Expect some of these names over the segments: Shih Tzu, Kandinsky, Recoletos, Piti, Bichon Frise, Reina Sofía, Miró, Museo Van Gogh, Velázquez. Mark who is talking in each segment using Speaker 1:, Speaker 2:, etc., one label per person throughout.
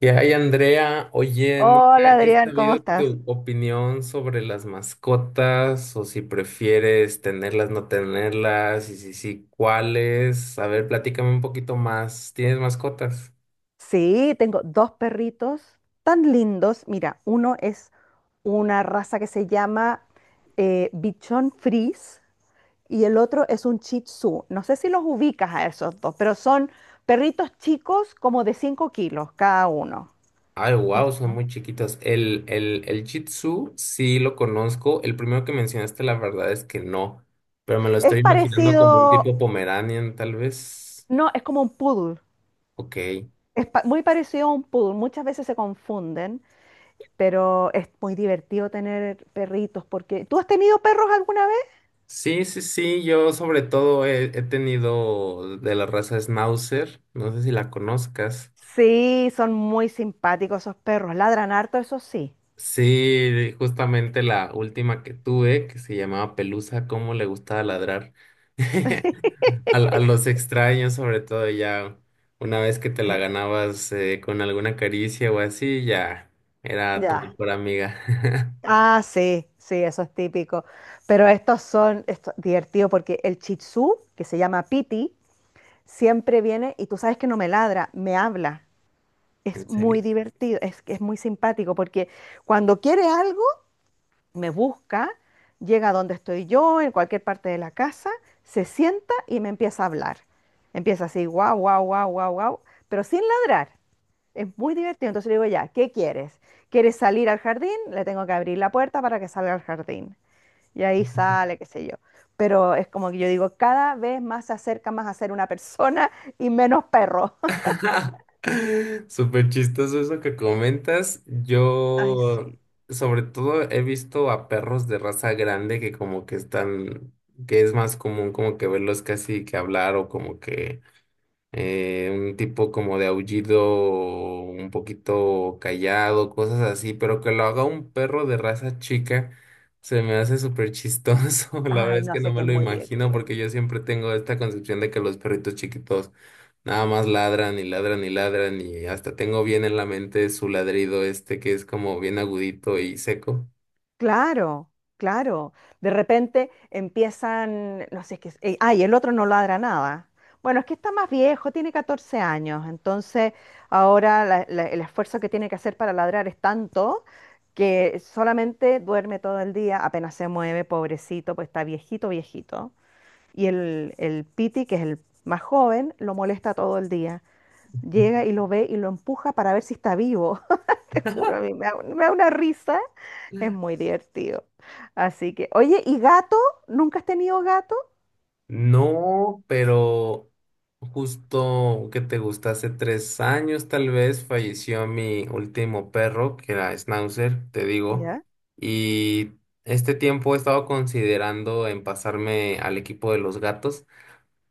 Speaker 1: Y ahí, Andrea, oye, nunca
Speaker 2: Hola
Speaker 1: he
Speaker 2: Adrián, ¿cómo
Speaker 1: sabido
Speaker 2: estás?
Speaker 1: tu opinión sobre las mascotas o si prefieres tenerlas, no tenerlas, y si sí, cuáles. A ver, platícame un poquito más. ¿Tienes mascotas?
Speaker 2: Sí, tengo dos perritos tan lindos. Mira, uno es una raza que se llama Bichon Frise y el otro es un Shih Tzu. No sé si los ubicas a esos dos, pero son perritos chicos como de 5 kilos cada uno.
Speaker 1: Ay,
Speaker 2: Y es
Speaker 1: wow, son muy chiquitas. El Shih Tzu sí lo conozco. El primero que mencionaste, la verdad es que no, pero me lo estoy imaginando como un
Speaker 2: parecido,
Speaker 1: tipo Pomeranian, tal vez.
Speaker 2: no, es como un poodle.
Speaker 1: Ok.
Speaker 2: Es muy parecido a un poodle. Muchas veces se confunden, pero es muy divertido tener perritos porque... ¿Tú has tenido perros alguna vez?
Speaker 1: Sí, sí, sí, yo sobre todo he tenido de la raza Schnauzer, no sé si la conozcas.
Speaker 2: Sí, son muy simpáticos esos perros. Ladran harto, eso sí.
Speaker 1: Sí, justamente la última que tuve, que se llamaba Pelusa, cómo le gustaba ladrar. A los extraños, sobre todo ya una vez que te la ganabas con alguna caricia o así, ya era tu
Speaker 2: Ya.
Speaker 1: mejor amiga.
Speaker 2: Ah, sí, sí, eso es típico. Pero estos son esto, divertidos porque el Shih Tzu, que se llama Piti, siempre viene y tú sabes que no me ladra, me habla.
Speaker 1: ¿En
Speaker 2: Es muy
Speaker 1: serio?
Speaker 2: divertido, es muy simpático porque cuando quiere algo, me busca, llega a donde estoy yo, en cualquier parte de la casa, se sienta y me empieza a hablar. Empieza así, guau, guau, guau, guau, guau, pero sin ladrar. Es muy divertido. Entonces le digo, ya, ¿qué quieres? ¿Quieres salir al jardín? Le tengo que abrir la puerta para que salga al jardín. Y ahí sale, qué sé yo. Pero es como que yo digo, cada vez más se acerca más a ser una persona y menos perro.
Speaker 1: Súper chistoso eso que comentas.
Speaker 2: Ay,
Speaker 1: Yo,
Speaker 2: sí.
Speaker 1: sobre todo, he visto a perros de raza grande que como que están, que es más común como que verlos casi que hablar o como que un tipo como de aullido un poquito callado, cosas así, pero que lo haga un perro de raza chica, se me hace súper chistoso. La
Speaker 2: Ay,
Speaker 1: verdad es
Speaker 2: no
Speaker 1: que
Speaker 2: sé,
Speaker 1: no
Speaker 2: que
Speaker 1: me
Speaker 2: es
Speaker 1: lo
Speaker 2: muy
Speaker 1: imagino
Speaker 2: divertido.
Speaker 1: porque yo siempre tengo esta concepción de que los perritos chiquitos nada más ladran y ladran y ladran, y hasta tengo bien en la mente su ladrido este que es como bien agudito y seco.
Speaker 2: Claro, claro. De repente empiezan, no sé, es que, ay, el otro no ladra nada. Bueno, es que está más viejo, tiene 14 años, entonces ahora el esfuerzo que tiene que hacer para ladrar es tanto que solamente duerme todo el día, apenas se mueve, pobrecito, pues está viejito, viejito. Y el Piti, que es el más joven, lo molesta todo el día. Llega y lo ve y lo empuja para ver si está vivo. Te juro, a mí me da una risa. Es muy divertido. Así que, oye, ¿y gato? ¿Nunca has tenido gato?
Speaker 1: No, pero justo que te gusta, hace 3 años tal vez falleció mi último perro, que era Schnauzer, te digo,
Speaker 2: ¿Ya?
Speaker 1: y este tiempo he estado considerando en pasarme al equipo de los gatos,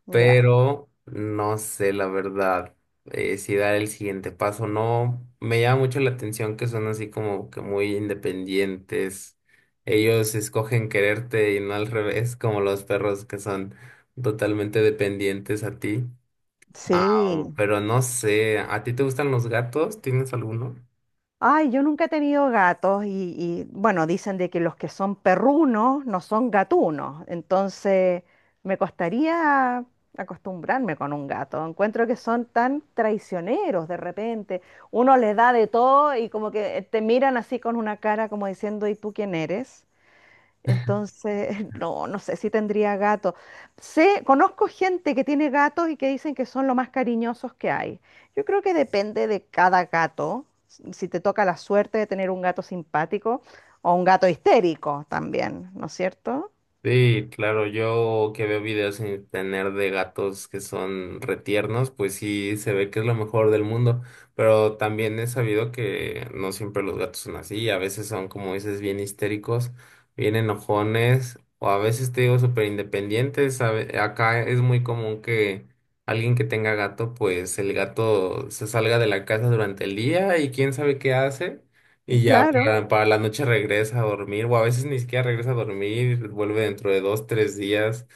Speaker 2: Ya.
Speaker 1: pero no sé la verdad si dar el siguiente paso. O No, me llama mucho la atención que son así como que muy independientes. Ellos escogen quererte y no al revés, como los perros que son totalmente dependientes a ti. Ah,
Speaker 2: Sí.
Speaker 1: pero no sé, ¿a ti te gustan los gatos? ¿Tienes alguno?
Speaker 2: Ay, yo nunca he tenido gatos bueno, dicen de que los que son perrunos no son gatunos. Entonces, me costaría acostumbrarme con un gato. Encuentro que son tan traicioneros de repente. Uno les da de todo y como que te miran así con una cara como diciendo, ¿y tú quién eres? Entonces, no, no sé si tendría gato. Sé, conozco gente que tiene gatos y que dicen que son lo más cariñosos que hay. Yo creo que depende de cada gato, si te toca la suerte de tener un gato simpático o un gato histérico también, ¿no es cierto?
Speaker 1: Sí, claro, yo que veo videos en internet de gatos que son retiernos, pues sí se ve que es lo mejor del mundo, pero también he sabido que no siempre los gatos son así, a veces son, como dices, bien histéricos, bien enojones, o a veces te digo súper independientes, acá es muy común que alguien que tenga gato, pues el gato se salga de la casa durante el día y quién sabe qué hace. Y ya
Speaker 2: Claro.
Speaker 1: para la noche regresa a dormir, o a veces ni siquiera regresa a dormir, vuelve dentro de 2, 3 días.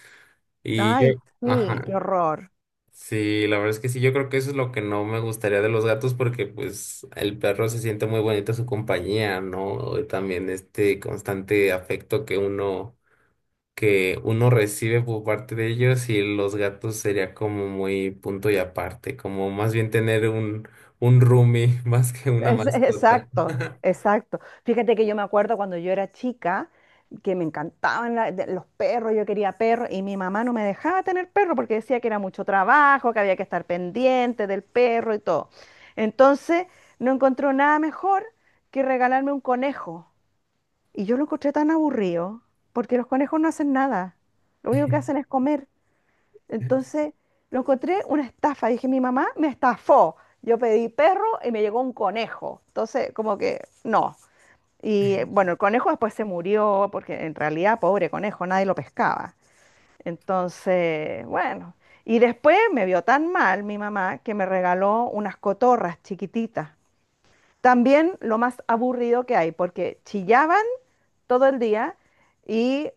Speaker 1: Y
Speaker 2: Ay,
Speaker 1: yo,
Speaker 2: sí,
Speaker 1: ajá,
Speaker 2: qué horror.
Speaker 1: sí, la verdad es que sí, yo creo que eso es lo que no me gustaría de los gatos, porque pues el perro se siente muy bonito su compañía, ¿no? También este constante afecto que que uno recibe por parte de ellos, y los gatos sería como muy punto y aparte, como más bien tener un roomie más que una
Speaker 2: Es-
Speaker 1: mascota.
Speaker 2: exacto, exacto. Fíjate que yo me acuerdo cuando yo era chica que me encantaban los perros, yo quería perros y mi mamá no me dejaba tener perro porque decía que era mucho trabajo, que había que estar pendiente del perro y todo. Entonces no encontró nada mejor que regalarme un conejo. Y yo lo encontré tan aburrido porque los conejos no hacen nada, lo único que hacen es comer. Entonces lo encontré una estafa. Dije, mi mamá me estafó. Yo pedí perro y me llegó un conejo. Entonces, como que no. Y bueno, el conejo después se murió porque en realidad, pobre conejo, nadie lo pescaba. Entonces, bueno. Y después me vio tan mal mi mamá que me regaló unas cotorras chiquititas. También lo más aburrido que hay, porque chillaban todo el día y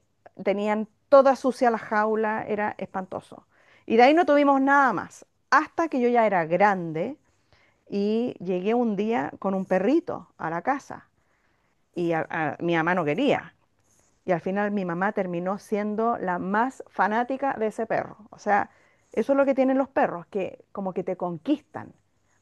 Speaker 2: tenían toda sucia la jaula, era espantoso. Y de ahí no tuvimos nada más, hasta que yo ya era grande y llegué un día con un perrito a la casa y mi mamá no quería. Y al final mi mamá terminó siendo la más fanática de ese perro. O sea, eso es lo que tienen los perros, que como que te conquistan.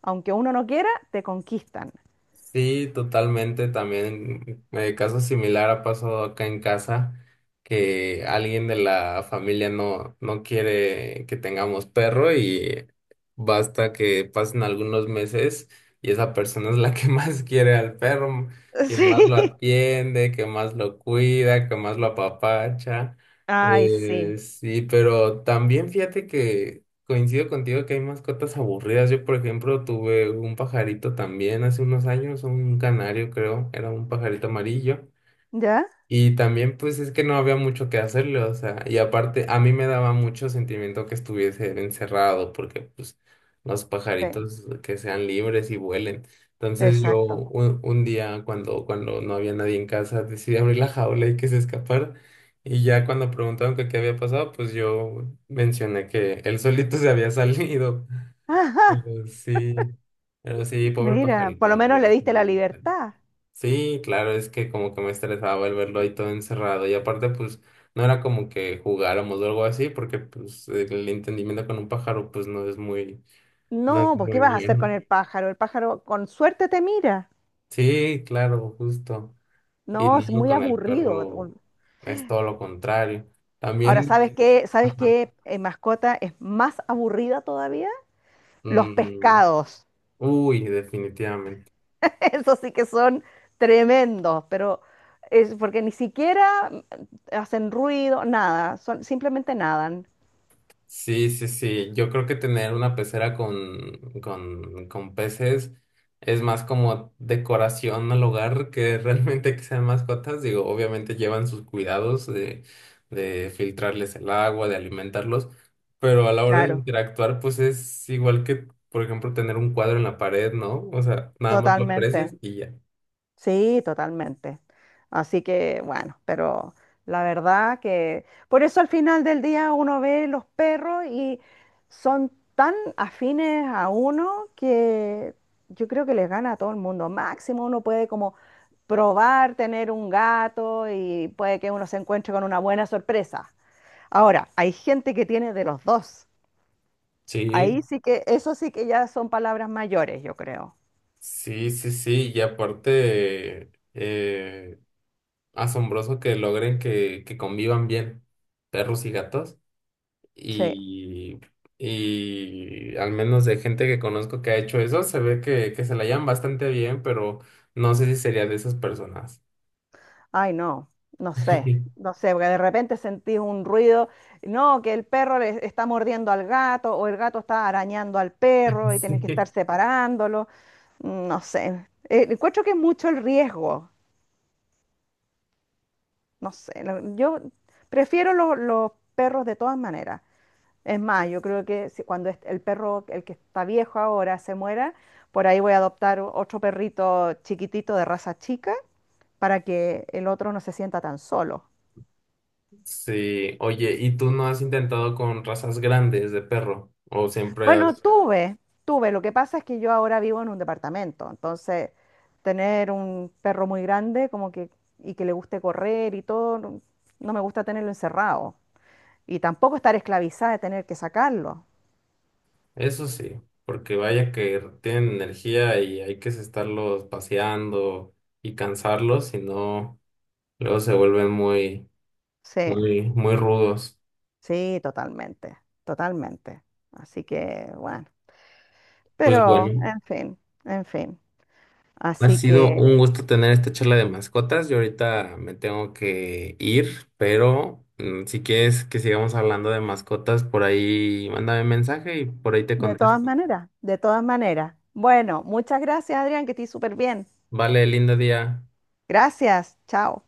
Speaker 2: Aunque uno no quiera, te conquistan.
Speaker 1: Sí, totalmente. También caso similar ha pasado acá en casa, que alguien de la familia no quiere que tengamos perro, y basta que pasen algunos meses y esa persona es la que más quiere al perro, quien
Speaker 2: Sí.
Speaker 1: más lo atiende, que más lo cuida, que más lo apapacha.
Speaker 2: Ay, sí.
Speaker 1: Sí, pero también fíjate que coincido contigo que hay mascotas aburridas. Yo, por ejemplo, tuve un pajarito también hace unos años, un canario creo, era un pajarito amarillo.
Speaker 2: ¿Ya?
Speaker 1: Y también pues es que no había mucho que hacerle, o sea, y aparte a mí me daba mucho sentimiento que estuviese él encerrado, porque pues los
Speaker 2: Sí,
Speaker 1: pajaritos que sean libres y vuelen. Entonces yo
Speaker 2: exacto.
Speaker 1: un día cuando, cuando no había nadie en casa decidí abrir la jaula y que se escapara. Y ya cuando preguntaron que qué había pasado, pues yo mencioné que él solito se había salido. Pero sí, pero sí, pobre
Speaker 2: Mira, por
Speaker 1: pajarito,
Speaker 2: lo
Speaker 1: la
Speaker 2: menos le
Speaker 1: verdad es que
Speaker 2: diste
Speaker 1: no
Speaker 2: la
Speaker 1: me gustaría.
Speaker 2: libertad.
Speaker 1: Sí, claro, es que como que me estresaba el verlo ahí todo encerrado, y aparte pues no era como que jugáramos o algo así, porque pues el entendimiento con un pájaro pues no es
Speaker 2: No, pues ¿qué
Speaker 1: muy
Speaker 2: vas a hacer con
Speaker 1: bueno.
Speaker 2: el pájaro? El pájaro con suerte te mira.
Speaker 1: Sí, claro, justo. Y
Speaker 2: No, es
Speaker 1: luego
Speaker 2: muy
Speaker 1: con el
Speaker 2: aburrido.
Speaker 1: perro es todo lo contrario.
Speaker 2: Ahora,
Speaker 1: También,
Speaker 2: ¿sabes Sí. qué? ¿Sabes
Speaker 1: ajá,
Speaker 2: qué mascota es más aburrida todavía? Los
Speaker 1: mm,
Speaker 2: pescados.
Speaker 1: uy, definitivamente.
Speaker 2: Esos sí que son tremendos, pero es porque ni siquiera hacen ruido, nada, son, simplemente nadan.
Speaker 1: Sí, sí, sí. Yo creo que tener una pecera con peces es más como decoración al hogar que realmente que sean mascotas. Digo, obviamente llevan sus cuidados de filtrarles el agua, de alimentarlos, pero a la hora de
Speaker 2: Claro. Claro.
Speaker 1: interactuar, pues es igual que, por ejemplo, tener un cuadro en la pared, ¿no? O sea, nada más lo aprecias
Speaker 2: Totalmente.
Speaker 1: y ya.
Speaker 2: Sí, totalmente. Así que bueno, pero la verdad que por eso al final del día uno ve los perros y son tan afines a uno que yo creo que les gana a todo el mundo. Máximo uno puede como probar tener un gato y puede que uno se encuentre con una buena sorpresa. Ahora, hay gente que tiene de los dos. Ahí
Speaker 1: Sí,
Speaker 2: sí que, eso sí que ya son palabras mayores, yo creo.
Speaker 1: sí, sí, sí. Y aparte, asombroso que logren que convivan bien perros y gatos.
Speaker 2: Sí.
Speaker 1: Y, y al menos de gente que conozco que ha hecho eso, se ve que se la llevan bastante bien, pero no sé si sería de esas personas.
Speaker 2: Ay, no, no sé, no sé, porque de repente sentís un ruido, no, que el perro le está mordiendo al gato o el gato está arañando al perro y tienes que estar
Speaker 1: Sí.
Speaker 2: separándolo, mm, no sé. Encuentro que es mucho el riesgo, no sé, lo- yo prefiero los perros de todas maneras. Es más, yo creo que cuando el perro, el que está viejo ahora, se muera, por ahí voy a adoptar otro perrito chiquitito de raza chica para que el otro no se sienta tan solo.
Speaker 1: Sí, oye, ¿y tú no has intentado con razas grandes de perro? ¿O siempre
Speaker 2: Bueno,
Speaker 1: has...?
Speaker 2: tuve, tuve. Lo que pasa es que yo ahora vivo en un departamento, entonces tener un perro muy grande como que y que le guste correr y todo, no, no me gusta tenerlo encerrado. Y tampoco estar esclavizada de tener que sacarlo.
Speaker 1: Eso sí, porque vaya que tienen energía y hay que estarlos paseando y cansarlos, si no, luego se vuelven muy...
Speaker 2: Sí,
Speaker 1: Muy, muy rudos.
Speaker 2: sí, totalmente, totalmente. Así que, bueno,
Speaker 1: Pues
Speaker 2: pero,
Speaker 1: bueno,
Speaker 2: en fin, en fin.
Speaker 1: ha
Speaker 2: Así
Speaker 1: sido
Speaker 2: que,
Speaker 1: un gusto tener esta charla de mascotas. Yo ahorita me tengo que ir, pero mm, si quieres que sigamos hablando de mascotas, por ahí mándame mensaje y por ahí te
Speaker 2: de
Speaker 1: contesto.
Speaker 2: todas maneras, de todas maneras. Bueno, muchas gracias, Adrián, que estés súper bien.
Speaker 1: Vale, lindo día.
Speaker 2: Gracias, chao.